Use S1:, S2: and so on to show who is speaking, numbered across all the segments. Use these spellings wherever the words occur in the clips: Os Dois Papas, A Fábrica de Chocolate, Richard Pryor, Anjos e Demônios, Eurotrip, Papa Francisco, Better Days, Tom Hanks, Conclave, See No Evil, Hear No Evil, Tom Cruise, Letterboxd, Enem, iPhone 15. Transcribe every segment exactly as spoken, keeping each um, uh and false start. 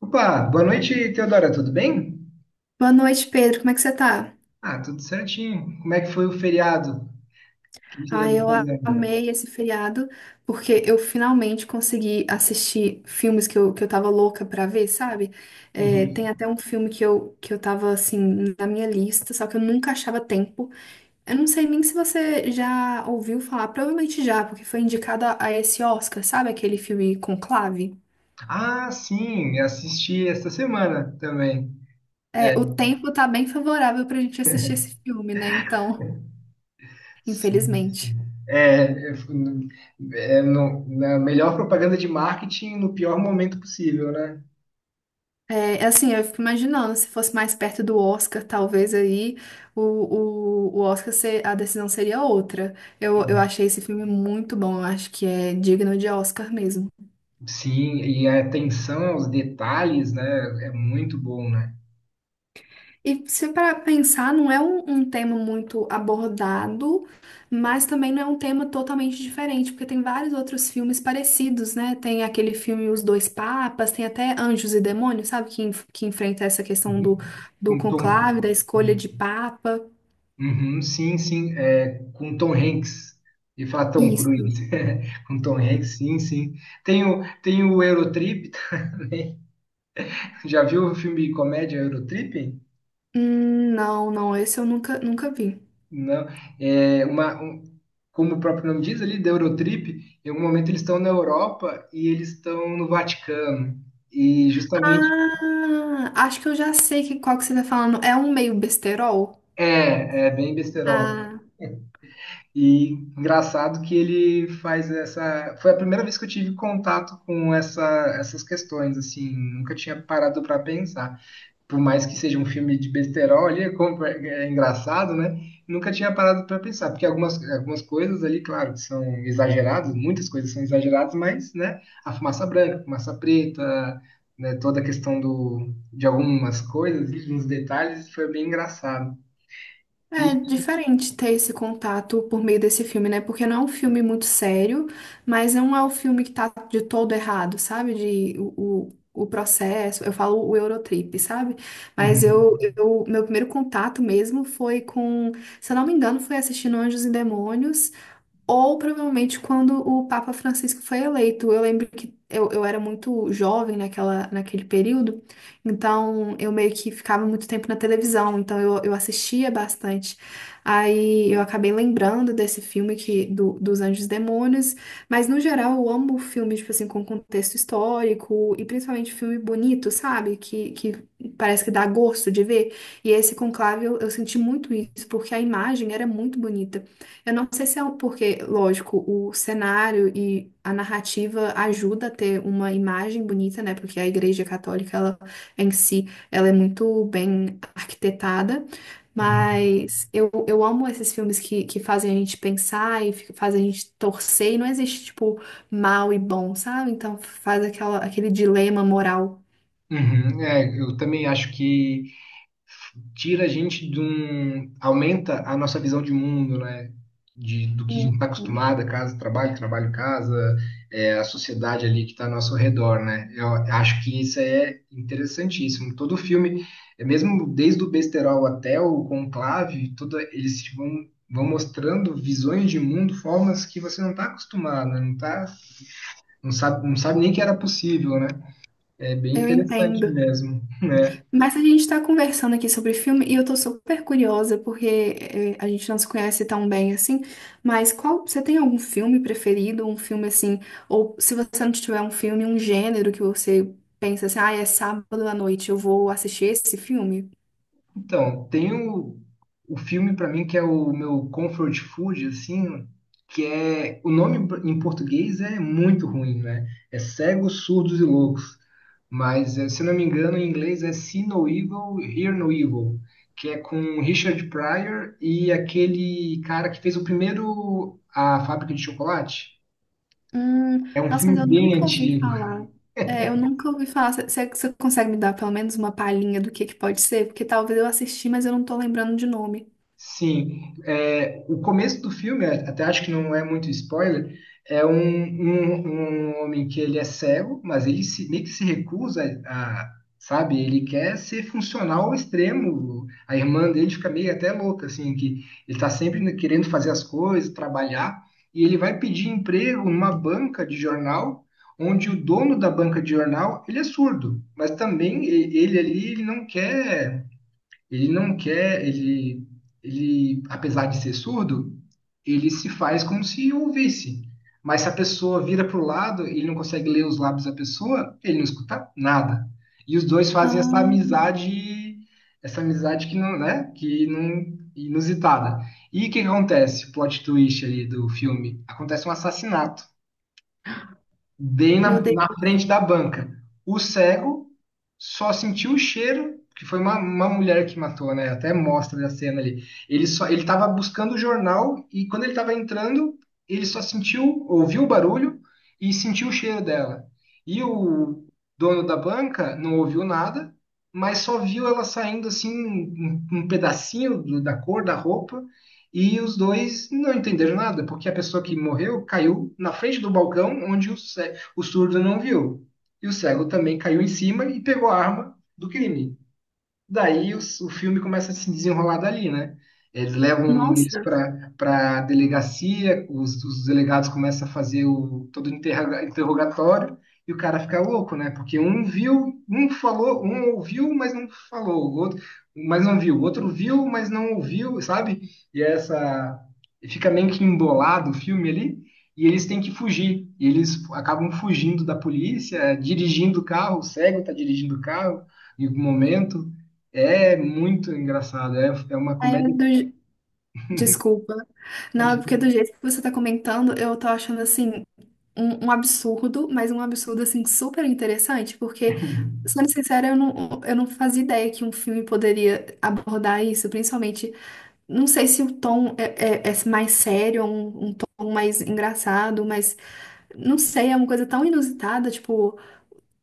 S1: Opa, boa noite, Teodora, tudo bem?
S2: Boa noite, Pedro. Como é que você tá?
S1: Ah, tudo certinho. Como é que foi o feriado? O que que
S2: Ah,
S1: andou
S2: eu
S1: fazendo?
S2: amei esse feriado porque eu finalmente consegui assistir filmes que eu, que eu tava louca pra ver, sabe? É,
S1: Uhum.
S2: tem até um filme que eu, que eu tava, assim, na minha lista, só que eu nunca achava tempo. Eu não sei nem se você já ouviu falar, provavelmente já, porque foi indicada a esse Oscar, sabe? Aquele filme Conclave.
S1: Ah, sim, eu assisti esta semana também. É,
S2: É, o tempo tá bem favorável pra gente assistir esse filme, né? Então,
S1: sim.
S2: infelizmente.
S1: É, eu fui- é no- na melhor propaganda de marketing no pior momento possível, né?
S2: É, assim, eu fico imaginando, se fosse mais perto do Oscar, talvez aí o, o, o Oscar, ser, a decisão seria outra. Eu, eu achei esse filme muito bom, eu acho que é digno de Oscar mesmo.
S1: Sim, e a atenção aos detalhes, né, é muito bom, né?
S2: E se para pensar, não é um, um tema muito abordado, mas também não é um tema totalmente diferente, porque tem vários outros filmes parecidos, né? Tem aquele filme Os Dois Papas, tem até Anjos e Demônios, sabe? Que, enf- que enfrenta essa questão do,
S1: Uhum.
S2: do
S1: Com Tom,
S2: conclave, da escolha de papa.
S1: Uhum, sim, sim, é, com Tom Hanks, e falar Tom
S2: Isso.
S1: Cruise, com Tom Hanks, sim, sim. Tem o, tem o Eurotrip, já viu o filme de comédia Eurotrip?
S2: Hum, não, não, esse eu nunca, nunca vi.
S1: Não, é uma, um- como o próprio nome diz ali, da Eurotrip, em algum momento eles estão na Europa e eles estão no Vaticano, e justamente,
S2: Ah, acho que eu já sei que qual que você tá falando. É um meio besterol?
S1: é, é bem besterol.
S2: Ah,
S1: E engraçado que ele faz essa. Foi a primeira vez que eu tive contato com essa, essas questões, assim, nunca tinha parado para pensar. Por mais que seja um filme de besterol ali, é, como- é é engraçado, né? Nunca tinha parado para pensar, porque algumas, algumas coisas ali, claro, que são exageradas, muitas coisas são exageradas, mas, né, a fumaça branca, a fumaça preta, né, toda a questão do, de algumas coisas, uns detalhes, foi bem engraçado. E.
S2: é diferente ter esse contato por meio desse filme, né? Porque não é um filme muito sério, mas não é o filme que tá de todo errado, sabe? De o, o, o processo, eu falo o Eurotrip, sabe? Mas eu, eu, meu primeiro contato mesmo foi com, se eu não me engano, foi assistindo Anjos e Demônios. Ou provavelmente quando o Papa Francisco foi eleito. Eu lembro que eu, eu era muito jovem naquela, naquele período, então eu meio que ficava muito tempo na televisão, então eu, eu assistia bastante. Aí eu acabei lembrando desse filme que, do, dos Anjos e Demônios, mas no geral eu amo filmes, tipo assim, com contexto histórico e principalmente filme bonito, sabe? Que, que parece que dá gosto de ver. E esse Conclave eu, eu senti muito isso, porque a imagem era muito bonita. Eu não sei se é um- porque, lógico, o cenário e a narrativa ajuda a ter uma imagem bonita, né? Porque a Igreja Católica, ela em si, ela é muito bem arquitetada. Mas eu, eu amo esses filmes que, que fazem a gente pensar e fi- fazem a gente torcer. E não existe, tipo, mal e bom, sabe? Então faz aquela, aquele dilema moral.
S1: Uhum, é, eu também acho que tira a gente de um. Aumenta a nossa visão de mundo, né? De, do que a gente está
S2: Uhum.
S1: acostumado, casa, trabalho, trabalho, casa, é, a sociedade ali que está ao nosso redor, né? Eu acho que isso é interessantíssimo. Todo filme, é mesmo desde o Besterol até o Conclave, tudo, eles te vão, vão mostrando visões de mundo, formas que você não está acostumado, né? não tá, não sabe, não sabe nem que era possível, né? É bem
S2: Eu
S1: interessante
S2: entendo.
S1: mesmo.
S2: Mas a gente está conversando aqui sobre filme e eu tô super curiosa porque eh, a gente não se conhece tão bem assim. Mas qual, você tem algum filme preferido, um filme assim, ou se você não tiver um filme, um gênero que você pensa assim, ah, é sábado à noite, eu vou assistir esse filme?
S1: Então, tem o, o filme para mim que é o meu comfort food, assim, que é. O nome em português é muito ruim, né? É Cegos, Surdos e Loucos. Mas, eh, se eu não me engano, em inglês é See No Evil, Hear No Evil, que é com Richard Pryor e aquele cara que fez o primeiro A Fábrica de Chocolate.
S2: Hum,
S1: É um
S2: nossa,
S1: filme
S2: mas eu
S1: bem
S2: nunca ouvi
S1: antigo.
S2: falar. É, eu nunca ouvi falar. Você você consegue me dar pelo menos uma palhinha do que que pode ser? Porque talvez eu assisti, mas eu não tô lembrando de nome.
S1: Sim, é, o começo do filme, é, até acho que não é muito spoiler, é um, um, um homem que ele é cego, mas ele se, meio que se recusa a, sabe, ele quer ser funcional ao extremo. A irmã dele fica meio até louca, assim, que ele tá sempre querendo fazer as coisas, trabalhar, e ele vai pedir emprego numa banca de jornal, onde o dono da banca de jornal, ele é surdo, mas também e- ele ali, ele não quer ele não quer, ele, ele, apesar de ser surdo, ele se faz como se ouvisse. Mas se a pessoa vira para o lado, ele não consegue ler os lábios da pessoa, ele não escuta nada. E os dois fazem essa
S2: Ah,
S1: amizade, essa amizade que não, né, que não inusitada. E o que acontece? O plot twist ali do filme. Acontece um assassinato bem na,
S2: meu Deus.
S1: na frente da banca. O cego só sentiu o cheiro, que foi uma, uma mulher que matou, né? Até mostra a cena ali. Ele só ele estava buscando o jornal e quando ele estava entrando, ele só sentiu, ouviu o barulho e sentiu o cheiro dela. E o dono da banca não ouviu nada, mas só viu ela saindo assim um, um pedacinho do- da cor da roupa. E os dois não entenderam nada, porque a pessoa que morreu caiu na frente do balcão onde o, ce- o surdo não viu. E o cego também caiu em cima e pegou a arma do crime. Daí o, o filme começa a se desenrolar dali, né? Eles levam eles
S2: Nossa,
S1: para para delegacia, os, os delegados começam a fazer o, todo o interroga- interrogatório e o cara fica louco, né? Porque um viu, um falou, um ouviu, mas não falou, o outro, mas não viu, o outro viu, mas não ouviu, sabe? E é essa fica meio que embolado o filme ali. E eles têm que fugir. E eles acabam fugindo da polícia, dirigindo o carro, o cego tá dirigindo o carro em algum momento. É muito engraçado. É, é uma
S2: é
S1: comédia.
S2: do, desculpa. Não, é porque do jeito que você tá comentando, eu tô achando assim um, um absurdo, mas um absurdo assim super interessante, porque, sendo sincera, eu não, eu não fazia ideia que um filme poderia abordar isso, principalmente, não sei se o tom é, é- é mais sério, um, um tom mais engraçado, mas não sei, é uma coisa tão inusitada, tipo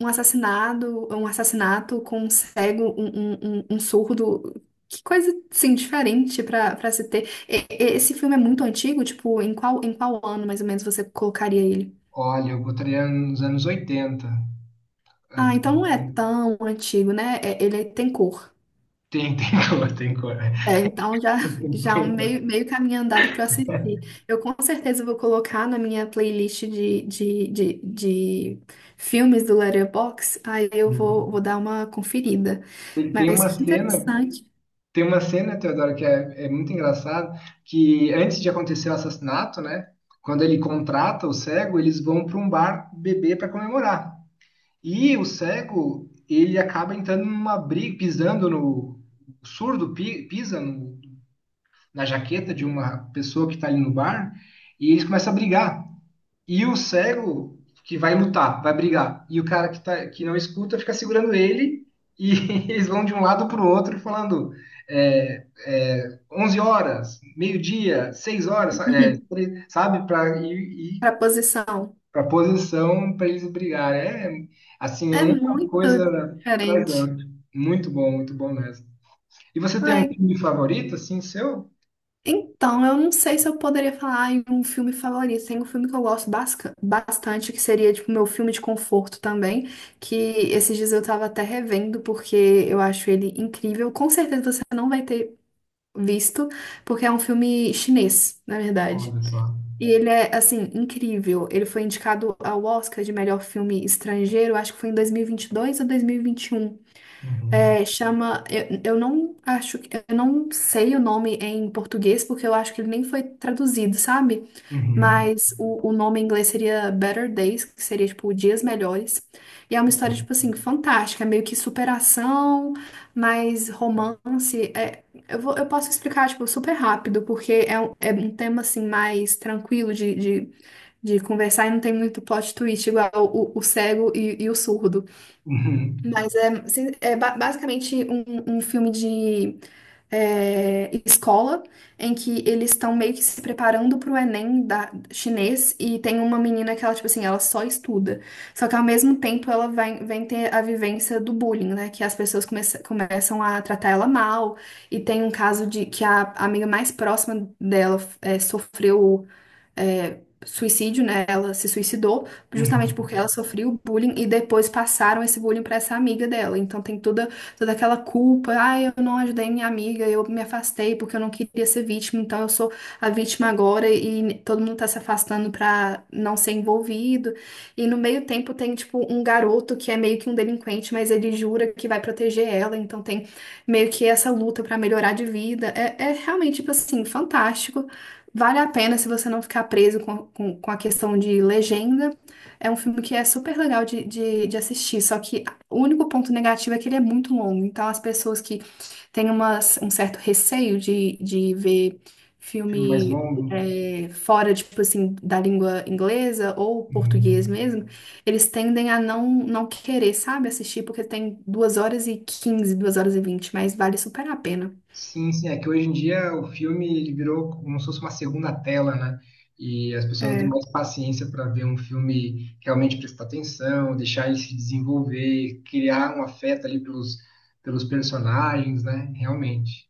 S2: um assassinado, um assassinato com um cego, um, um, um- um surdo. Que coisa, assim, diferente pra, pra se ter. E- e- esse filme é muito antigo, tipo, em qual, em qual ano, mais ou menos, você colocaria ele?
S1: Olha, eu botaria nos anos oitenta.
S2: Ah, então não é
S1: É,
S2: tão antigo, né? É- ele tem cor.
S1: tem, tem cor, tem cor.
S2: É, então já, já é um
S1: Tem cor.
S2: meio, meio caminho andado para assistir. Eu com certeza vou colocar na minha playlist de, de, de, de filmes do Letterboxd, aí eu vou, vou dar uma conferida.
S1: Tem tem
S2: Mas
S1: uma
S2: que
S1: cena,
S2: interessante.
S1: tem uma cena, Teodoro, que é, é muito engraçado, que antes de acontecer o assassinato, né? Quando ele contrata o cego, eles vão para um bar beber para comemorar. E o cego, ele acaba entrando numa briga, pisando no o surdo, pi- pisa no na jaqueta de uma pessoa que está ali no bar e eles começam a brigar. E o cego que vai lutar, vai brigar, e o cara que, tá, que não escuta fica segurando ele e eles vão de um lado para o outro falando é, é, onze horas, meio-dia, seis horas, é, sabe, para ir,
S2: Para a posição.
S1: para posição para eles brigarem. É, assim, é
S2: É
S1: uma
S2: muito
S1: coisa
S2: diferente.
S1: trazendo. Muito bom, muito bom mesmo. E você tem um
S2: É,
S1: filme favorito, assim, seu?
S2: então, eu não sei se eu poderia falar em um filme favorito. Tem um filme que eu gosto basca- bastante, que seria, tipo, meu filme de conforto também, que esses dias eu tava até revendo, porque eu acho ele incrível. Com certeza você não vai ter visto, porque é um filme chinês, na verdade.
S1: Olha só.
S2: E ele é, assim, incrível. Ele foi indicado ao Oscar de melhor filme estrangeiro, acho que foi em dois mil e vinte e dois ou dois mil e vinte e um.
S1: Uhum.
S2: É, chama. Eu, eu não acho. que- Eu não sei o nome em português, porque eu acho que ele nem foi traduzido, sabe?
S1: Uhum.
S2: Mas o, o nome em inglês seria Better Days, que seria, tipo, Dias Melhores. E é uma história, tipo assim, fantástica. É meio que superação, mas romance. É, eu vou, eu posso explicar, tipo, super rápido, porque é um, é um tema, assim, mais tranquilo de, de, de conversar e não tem muito plot twist, igual o, o cego e, e o surdo.
S1: Uhum.
S2: Mas é, sim, é ba- basicamente um, um filme de é, escola em que eles estão meio que se preparando para o Enem da, chinês e tem uma menina que ela, tipo assim, ela só estuda. Só que ao mesmo tempo ela vai, vem ter a vivência do bullying, né? Que as pessoas começa- começam a tratar ela mal. E tem um caso de que a amiga mais próxima dela é, sofreu é, suicídio, né? Ela se suicidou justamente porque ela
S1: Uhum.
S2: sofreu bullying e depois passaram esse bullying para essa amiga dela. Então tem toda, toda aquela culpa, ah, eu não ajudei minha amiga, eu me afastei porque eu não queria ser vítima, então eu sou a vítima agora e todo mundo tá se afastando para não ser envolvido. E no meio tempo tem tipo um garoto que é meio que um delinquente, mas ele jura que vai proteger ela, então tem meio que essa luta para melhorar de vida. É, é realmente tipo assim, fantástico. Vale a pena se você não ficar preso com, com, com a questão de legenda. É um filme que é super legal de, de, de assistir, só que o único ponto negativo é que ele é muito longo. Então, as pessoas que têm umas, um certo receio de, de ver
S1: Filme mais
S2: filme
S1: longo.
S2: é, fora, tipo assim, da língua inglesa ou português
S1: Uhum.
S2: mesmo, eles tendem a não, não querer, sabe, assistir, porque tem duas horas e quinze duas horas e vinte mas vale super a pena.
S1: Sim, sim. É que hoje em dia o filme ele virou como se fosse uma segunda tela, né? E as pessoas não têm
S2: É.
S1: mais paciência para ver um filme realmente prestar atenção, deixar ele se desenvolver, criar um afeto ali pelos, pelos personagens, né? Realmente.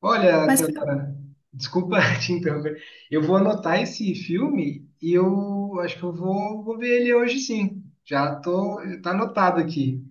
S1: Olha,
S2: Mas
S1: Teodora, desculpa te interromper. Eu vou anotar esse filme e eu acho que eu vou, vou ver ele hoje sim. Já tô, tá anotado aqui.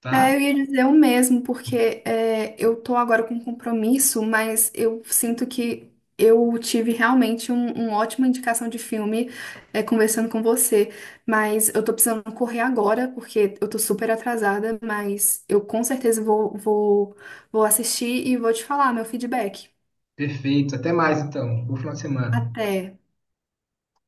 S1: Tá?
S2: é, eu ia dizer o mesmo, porque é, eu tô agora com um compromisso, mas eu sinto que eu tive realmente um, uma ótima indicação de filme é, conversando com você. Mas eu tô precisando correr agora, porque eu tô super atrasada, mas eu com certeza vou, vou, vou assistir e vou te falar meu feedback.
S1: Perfeito. Até mais, então. Bom final de semana.
S2: Até.